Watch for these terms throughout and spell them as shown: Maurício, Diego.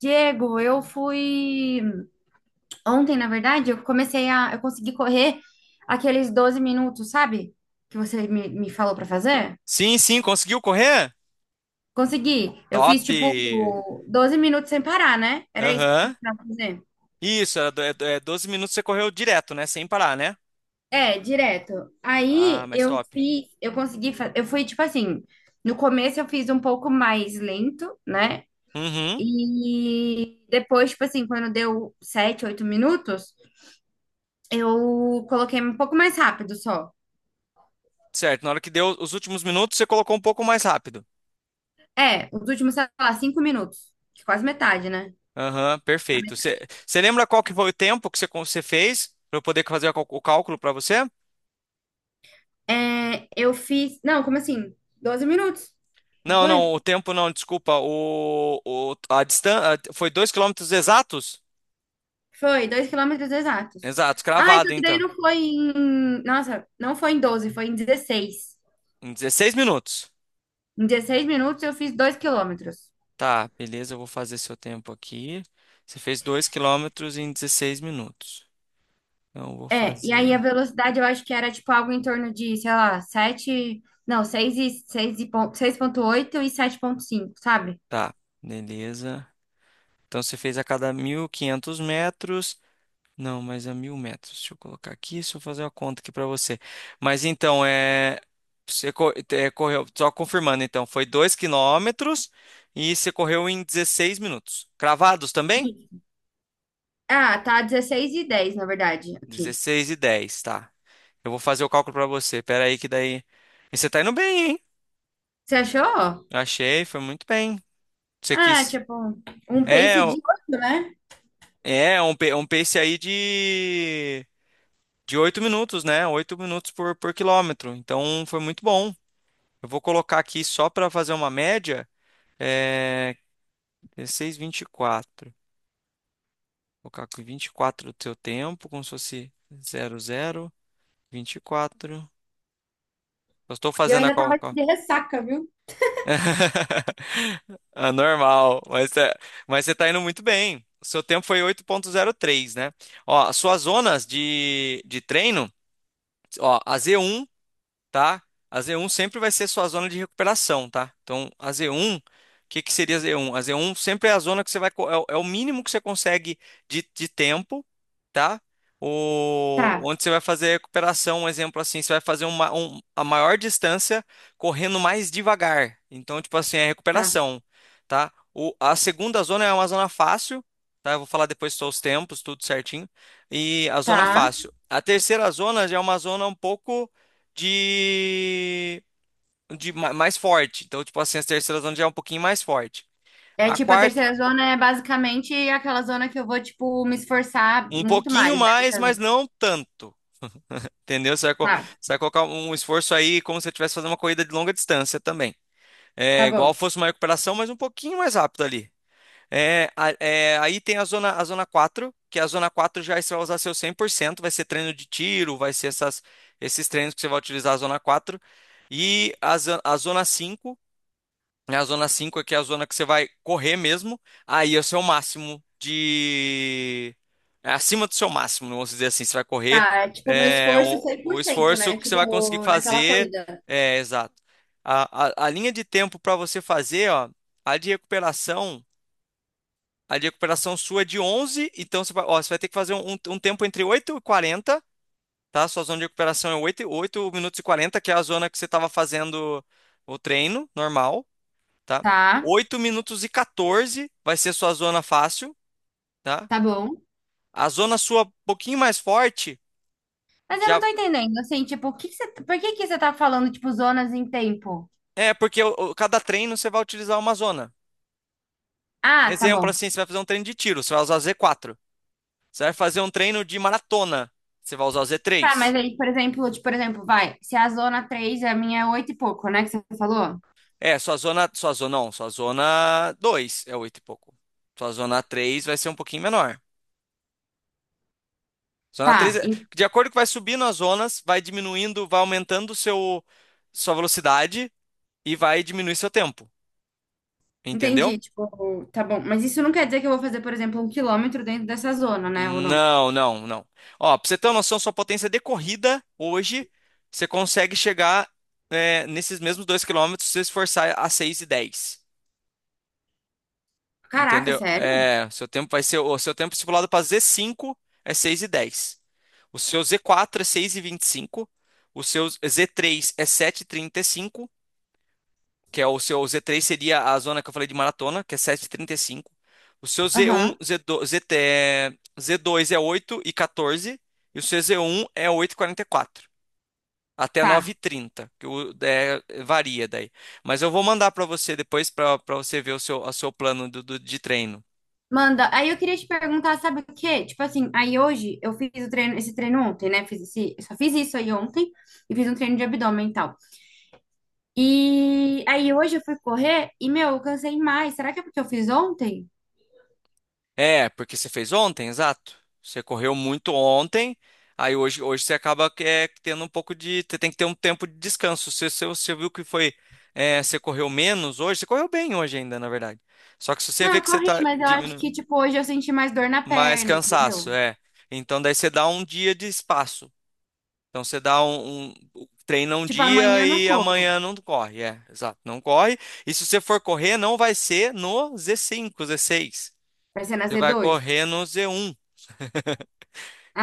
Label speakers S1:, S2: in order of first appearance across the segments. S1: Diego, eu fui ontem, na verdade, eu consegui correr aqueles 12 minutos, sabe? Que você me falou pra fazer?
S2: Sim, sim, conseguiu correr?
S1: Consegui. Eu fiz
S2: Top!
S1: tipo 12 minutos sem parar, né? Era isso que
S2: Aham.
S1: precisava fazer.
S2: Isso, era do- é 12 minutos você correu direto, né? Sem parar, né?
S1: É, direto.
S2: Ah, mas top.
S1: Eu consegui, eu fui tipo assim, no começo eu fiz um pouco mais lento, né?
S2: Uhum.
S1: E depois, tipo assim, quando deu sete, oito minutos, eu coloquei um pouco mais rápido só.
S2: Certo, na hora que deu os últimos minutos, você colocou um pouco mais rápido.
S1: É, os últimos, sei lá, cinco minutos. Que Quase metade, né?
S2: Aham, perfeito. Você lembra qual que foi o tempo que você fez para eu poder fazer o cálculo para você?
S1: É, eu fiz. Não, como assim? 12 minutos, não
S2: Não, não,
S1: foi?
S2: o tempo não, desculpa. A distância foi 2 quilômetros exatos?
S1: Foi, dois quilômetros exatos.
S2: Exatos,
S1: Ah,
S2: cravado
S1: só que daí
S2: então.
S1: não foi em. Nossa, não foi em 12, foi em dezesseis.
S2: Em 16 minutos.
S1: Em 16 minutos eu fiz dois quilômetros.
S2: Tá, beleza, eu vou fazer seu tempo aqui. Você fez 2 quilômetros em 16 minutos. Então, eu vou
S1: É, e aí a
S2: fazer.
S1: velocidade eu acho que era tipo algo em torno de, sei lá, 7, Não, 6,8 e sete vírgula cinco, sabe?
S2: Tá, beleza. Então, você fez a cada 1.500 metros. Não, mas a 1.000 metros. Deixa eu colocar aqui, deixa eu fazer uma conta aqui pra você. Mas então, é. Você correu, só confirmando então, foi 2 quilômetros e você correu em 16 minutos. Cravados também?
S1: Isso. Ah, tá 16 e 10 na verdade, aqui.
S2: 16:10, tá. Eu vou fazer o cálculo pra você. Pera aí que daí. E você tá indo bem.
S1: Você achou?
S2: Achei, foi muito bem. Você
S1: Ah,
S2: quis.
S1: tipo, um
S2: É,
S1: pace de oito, né?
S2: é um pace aí de 8 minutos, né? 8 minutos por quilômetro. Então foi muito bom. Eu vou colocar aqui só para fazer uma média. É 16:24. Vou colocar aqui 24 do seu tempo, como se fosse zero zero, vinte e quatro. Eu estou
S1: E eu
S2: fazendo a
S1: ainda tava
S2: calculação.
S1: de ressaca, viu?
S2: Ah, normal, mas você tá indo muito bem. O seu tempo foi 8:03, né? Ó, as suas zonas de treino. Ó, a z um tá? A z um sempre vai ser sua zona de recuperação, tá? Então, a z um o que que seria a z um A z um sempre é a zona que você vai, co- é o é o mínimo que você consegue de tempo, tá?
S1: Tá,
S2: Onde você vai fazer a recuperação, um exemplo assim, você vai fazer a maior distância correndo mais devagar. Então, tipo assim, é a
S1: tá,
S2: recuperação, tá? A segunda zona é uma zona fácil, tá? Eu vou falar depois só os tempos, tudo certinho. E a zona
S1: tá.
S2: fácil. A terceira zona já é uma zona um pouco de, mais forte. Então, tipo assim, a terceira zona já é um pouquinho mais forte.
S1: É
S2: A
S1: tipo, a
S2: quarta,
S1: terceira zona é basicamente aquela zona que eu vou, tipo, me esforçar
S2: um
S1: muito mais,
S2: pouquinho
S1: né? Do que
S2: mais,
S1: as
S2: mas
S1: outras.
S2: não tanto. Entendeu? Você vai, co-
S1: Tá,
S2: você vai colocar um esforço aí como se você estivesse fazendo uma corrida de longa distância também. É
S1: tá
S2: igual
S1: bom.
S2: fosse uma recuperação, mas um pouquinho mais rápido ali. Aí tem a zona quatro, que a zona 4 já você vai usar seu 100%, vai ser treino de tiro, vai ser esses treinos que você vai utilizar a zona quatro. E a zona cinco. A zona 5 aqui é a zona que você vai correr mesmo. Aí é o seu máximo de. É acima do seu máximo, vamos dizer assim. Você vai correr.
S1: Tá, é tipo, meu
S2: é,
S1: esforço
S2: o,
S1: cem por
S2: o
S1: cento,
S2: esforço
S1: né?
S2: que você vai conseguir
S1: Tipo, naquela
S2: fazer.
S1: corrida.
S2: É, exato. A linha de tempo para você fazer, ó, a de recuperação, a de recuperação sua é de 11. Então ó, você vai ter que fazer um tempo entre 8 e 40, tá? Sua zona de recuperação é 8, minutos e 40, que é a zona que você estava fazendo o treino normal, tá?
S1: Tá,
S2: Oito minutos e 14 vai ser sua zona fácil, tá?
S1: tá bom.
S2: A zona sua um pouquinho mais forte
S1: Mas eu não
S2: já
S1: tô entendendo, assim, tipo, o que que você, por que que você tá falando, tipo, zonas em tempo?
S2: é porque cada treino você vai utilizar uma zona.
S1: Ah, tá
S2: Exemplo
S1: bom.
S2: assim, você vai fazer um treino de tiro, você vai usar o z quatro Você vai fazer um treino de maratona, você vai usar o z
S1: Tá, mas
S2: três
S1: aí, por exemplo, vai, se a zona 3, a minha é 8 e pouco, né, que você falou?
S2: É, sua zona não, sua zona 2 é 8 e pouco. Sua zona 3 vai ser um pouquinho menor. Zona 3
S1: Tá,
S2: é-
S1: en-
S2: de acordo que vai subindo as zonas, vai diminuindo, vai aumentando o seu sua velocidade e vai diminuir seu tempo. Entendeu?
S1: entendi. Tipo, tá bom. Mas isso não quer dizer que eu vou fazer, por exemplo, um quilômetro dentro dessa zona, né? Ou não?
S2: Não, não, não. Ó, pra você ter uma noção, sua potência de corrida hoje, você consegue chegar, nesses mesmos 2 quilômetros se você esforçar a 6:10.
S1: Caraca,
S2: Entendeu?
S1: sério?
S2: É, seu tempo vai ser, o seu tempo estipulado para z cinco é 6:10. O seu z quatro é seis e vinte e cinco. O seu z três é 7:35. Que é o seu Z3, seria a zona que eu falei de maratona, que é 7:35. O seu Z1,
S1: Aham,
S2: Z2, ZT, Z2 é 8 e 14 e o seu Z1 é 8:44 até nove e
S1: tá.
S2: trinta que varia daí. Mas eu vou mandar para você depois para você ver o seu plano de treino.
S1: Manda. Aí eu queria te perguntar, sabe o quê? Tipo assim, aí hoje eu fiz o treino, esse treino ontem, né? Fiz esse, eu só fiz isso aí ontem e fiz um treino de abdômen e tal. E aí hoje eu fui correr e, meu, eu cansei mais. Será que é porque eu fiz ontem?
S2: É, porque você fez ontem, exato. Você correu muito ontem. Aí hoje você acaba que, tendo um pouco de. Você tem que ter um tempo de descanso. Se você viu que foi. Você correu menos hoje, você correu bem hoje ainda, na verdade. Só que se você
S1: Não,
S2: vê
S1: eu
S2: que você
S1: corri,
S2: está
S1: mas eu acho
S2: diminuindo
S1: que, tipo, hoje eu senti mais dor na
S2: mais
S1: perna,
S2: cansaço.
S1: entendeu?
S2: Então daí você dá um dia de espaço. Então você treina um
S1: Tipo,
S2: dia
S1: amanhã eu não
S2: e
S1: corro.
S2: amanhã não corre. É, exato, não corre. E se você for correr, não vai ser no z cinco, z seis.
S1: Vai ser na
S2: Você
S1: z
S2: vai
S1: dois.
S2: correr no z um.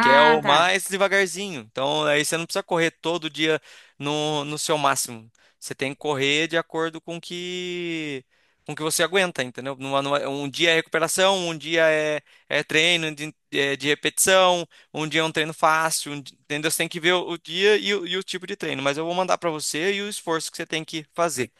S2: Que é o
S1: tá.
S2: mais devagarzinho. Então, aí você não precisa correr todo dia no seu máximo. Você tem que correr de acordo com que você aguenta, entendeu? Um dia é recuperação, um dia é treino de repetição, um dia é um treino fácil. Entendeu? Você tem que ver o dia e o tipo de treino. Mas eu vou mandar para você e o esforço que você tem que fazer.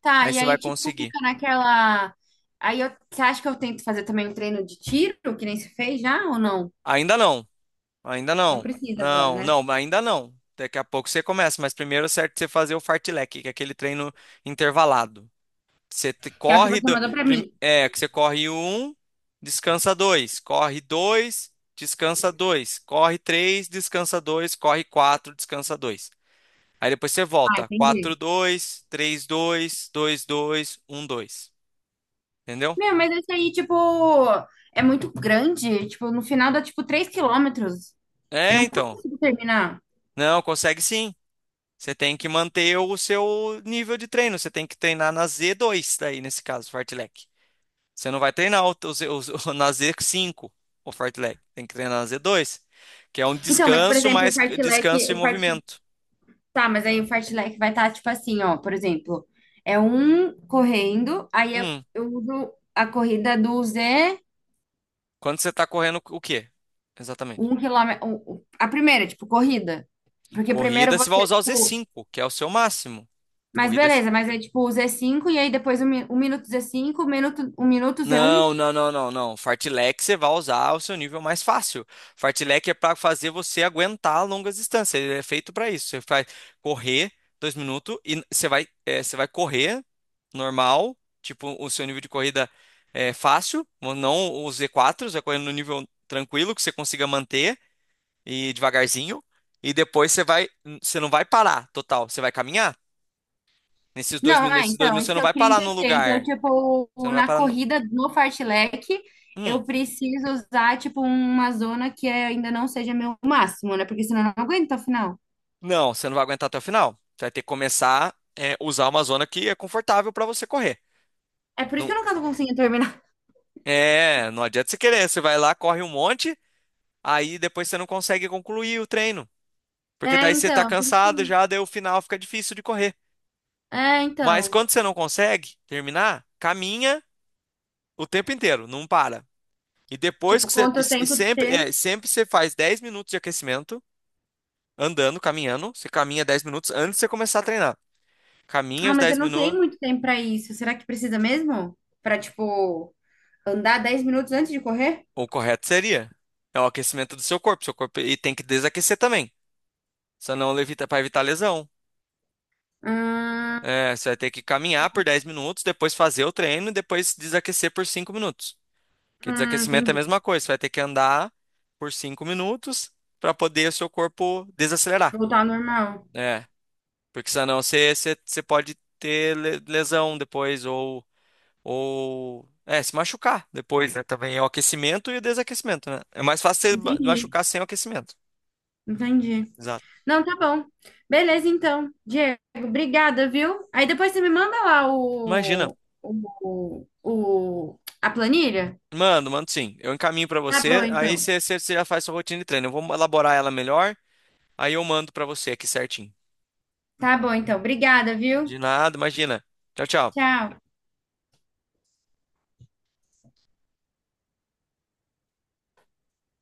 S1: Tá,
S2: Aí
S1: e
S2: você vai
S1: aí, tipo,
S2: conseguir.
S1: fica naquela. Aí eu... você acha que eu tento fazer também um treino de tiro, que nem se fez já ou não?
S2: Ainda não. Ainda
S1: Não
S2: não.
S1: precisa agora,
S2: Não,
S1: né?
S2: não, ainda não. Daqui a pouco você começa, mas primeiro é certo você fazer o fartlek, que é aquele treino intervalado. Você te-
S1: Que é o que
S2: corre
S1: você
S2: do,
S1: mandou pra mim.
S2: prim- é, Que você corre um, descansa dois, corre dois, descansa dois, corre três, descansa dois, corre quatro, descansa dois. Aí depois você
S1: Ah,
S2: volta, quatro,
S1: entendi.
S2: dois, três, dois, dois, dois, um, dois. Entendeu?
S1: Meu, mas esse aí, tipo, é muito grande. Tipo, no final dá, tipo, 3 quilômetros. Eu
S2: É,
S1: não
S2: então.
S1: consigo terminar.
S2: Não, consegue sim. Você tem que manter o seu nível de treino. Você tem que treinar na Z2, daí, nesse caso, fartlek. Você não vai treinar na Z5, o fartlek. Tem que treinar na Z2, que é um
S1: Então, mas, por
S2: descanso,
S1: exemplo, o
S2: mais
S1: fartlek,
S2: descanso e
S1: o fart...
S2: movimento.
S1: tá, mas aí o
S2: Tá?
S1: fartlek vai estar, tipo assim, ó, por exemplo, é um correndo, aí eu,
S2: Hum,
S1: eu uso a corrida do Z.
S2: Quando você está correndo, o quê? Exatamente.
S1: A primeira, tipo, corrida. Porque primeiro
S2: Corrida, você vai
S1: você,
S2: usar o
S1: tipo.
S2: Z5, que é o seu máximo.
S1: Mas
S2: Corrida.
S1: beleza, mas é tipo o z cinco e aí depois o minuto z cinco o minuto z um.
S2: Não, não, não, não, não. Fartlek você vai usar o seu nível mais fácil. Fartlek é para fazer você aguentar longas distâncias. Ele é feito para isso. Você vai correr 2 minutos e você vai correr normal, tipo o seu nível de corrida é fácil, não o Z4, você vai correndo no nível tranquilo que você consiga manter e devagarzinho. E depois você não vai parar total. Você vai caminhar.
S1: Não, é,
S2: Nesses dois
S1: então, é
S2: minutos
S1: isso
S2: você não
S1: que eu
S2: vai
S1: queria
S2: parar no
S1: entender. Então,
S2: lugar.
S1: tipo,
S2: Você não vai
S1: na
S2: parar no.
S1: corrida no fartlek,
S2: Hum.
S1: eu preciso usar, tipo, uma zona que é, ainda não seja meu máximo, né? Porque senão eu não aguento até o final.
S2: Não, você não vai aguentar até o final. Você vai ter que começar a usar uma zona que é confortável para você correr.
S1: É por isso que
S2: Não,
S1: eu nunca tô conseguindo terminar.
S2: não adianta você querer. Você vai lá, corre um monte, aí depois você não consegue concluir o treino. Porque
S1: É,
S2: daí você tá
S1: então.
S2: cansado já, daí o final fica difícil de correr.
S1: É,
S2: Mas
S1: então.
S2: quando você não consegue terminar, caminha o tempo inteiro, não para. E depois
S1: Tipo,
S2: que você. E,
S1: quanto
S2: e
S1: tempo
S2: sempre,
S1: ter.
S2: é, sempre você faz 10 minutos de aquecimento, andando, caminhando. Você caminha 10 minutos antes de você começar a treinar. Caminha
S1: Ah,
S2: os
S1: mas eu
S2: dez
S1: não tenho
S2: minutos.
S1: muito tempo pra isso. Será que precisa mesmo? Pra, tipo, andar dez minutos antes de correr?
S2: O correto seria. É o aquecimento do seu corpo. Seu corpo e tem que desaquecer também. Senão levita para evitar lesão.
S1: Hum,
S2: É, você vai ter que caminhar por 10 minutos, depois fazer o treino e depois desaquecer por 5 minutos. Porque desaquecimento é a
S1: entendi.
S2: mesma coisa. Você vai ter que andar por 5 minutos para poder o seu corpo desacelerar.
S1: Voltar ao normal.
S2: É, porque senão você pode ter lesão depois, ou se machucar depois, né? Também é o aquecimento e o desaquecimento, né? É mais fácil você
S1: Entendi,
S2: machucar sem o aquecimento.
S1: entendi.
S2: Exato.
S1: Não, tá bom. Beleza, então. Diego, obrigada, viu? Aí depois você me manda lá
S2: Imagina.
S1: a planilha?
S2: Mando, mando sim. Eu encaminho pra
S1: Tá bom,
S2: você, aí
S1: então.
S2: você já faz sua rotina de treino. Eu vou elaborar ela melhor, aí eu mando pra você aqui certinho.
S1: Tá bom, então. Obrigada, viu?
S2: De nada, imagina. Tchau, tchau.
S1: Tchau.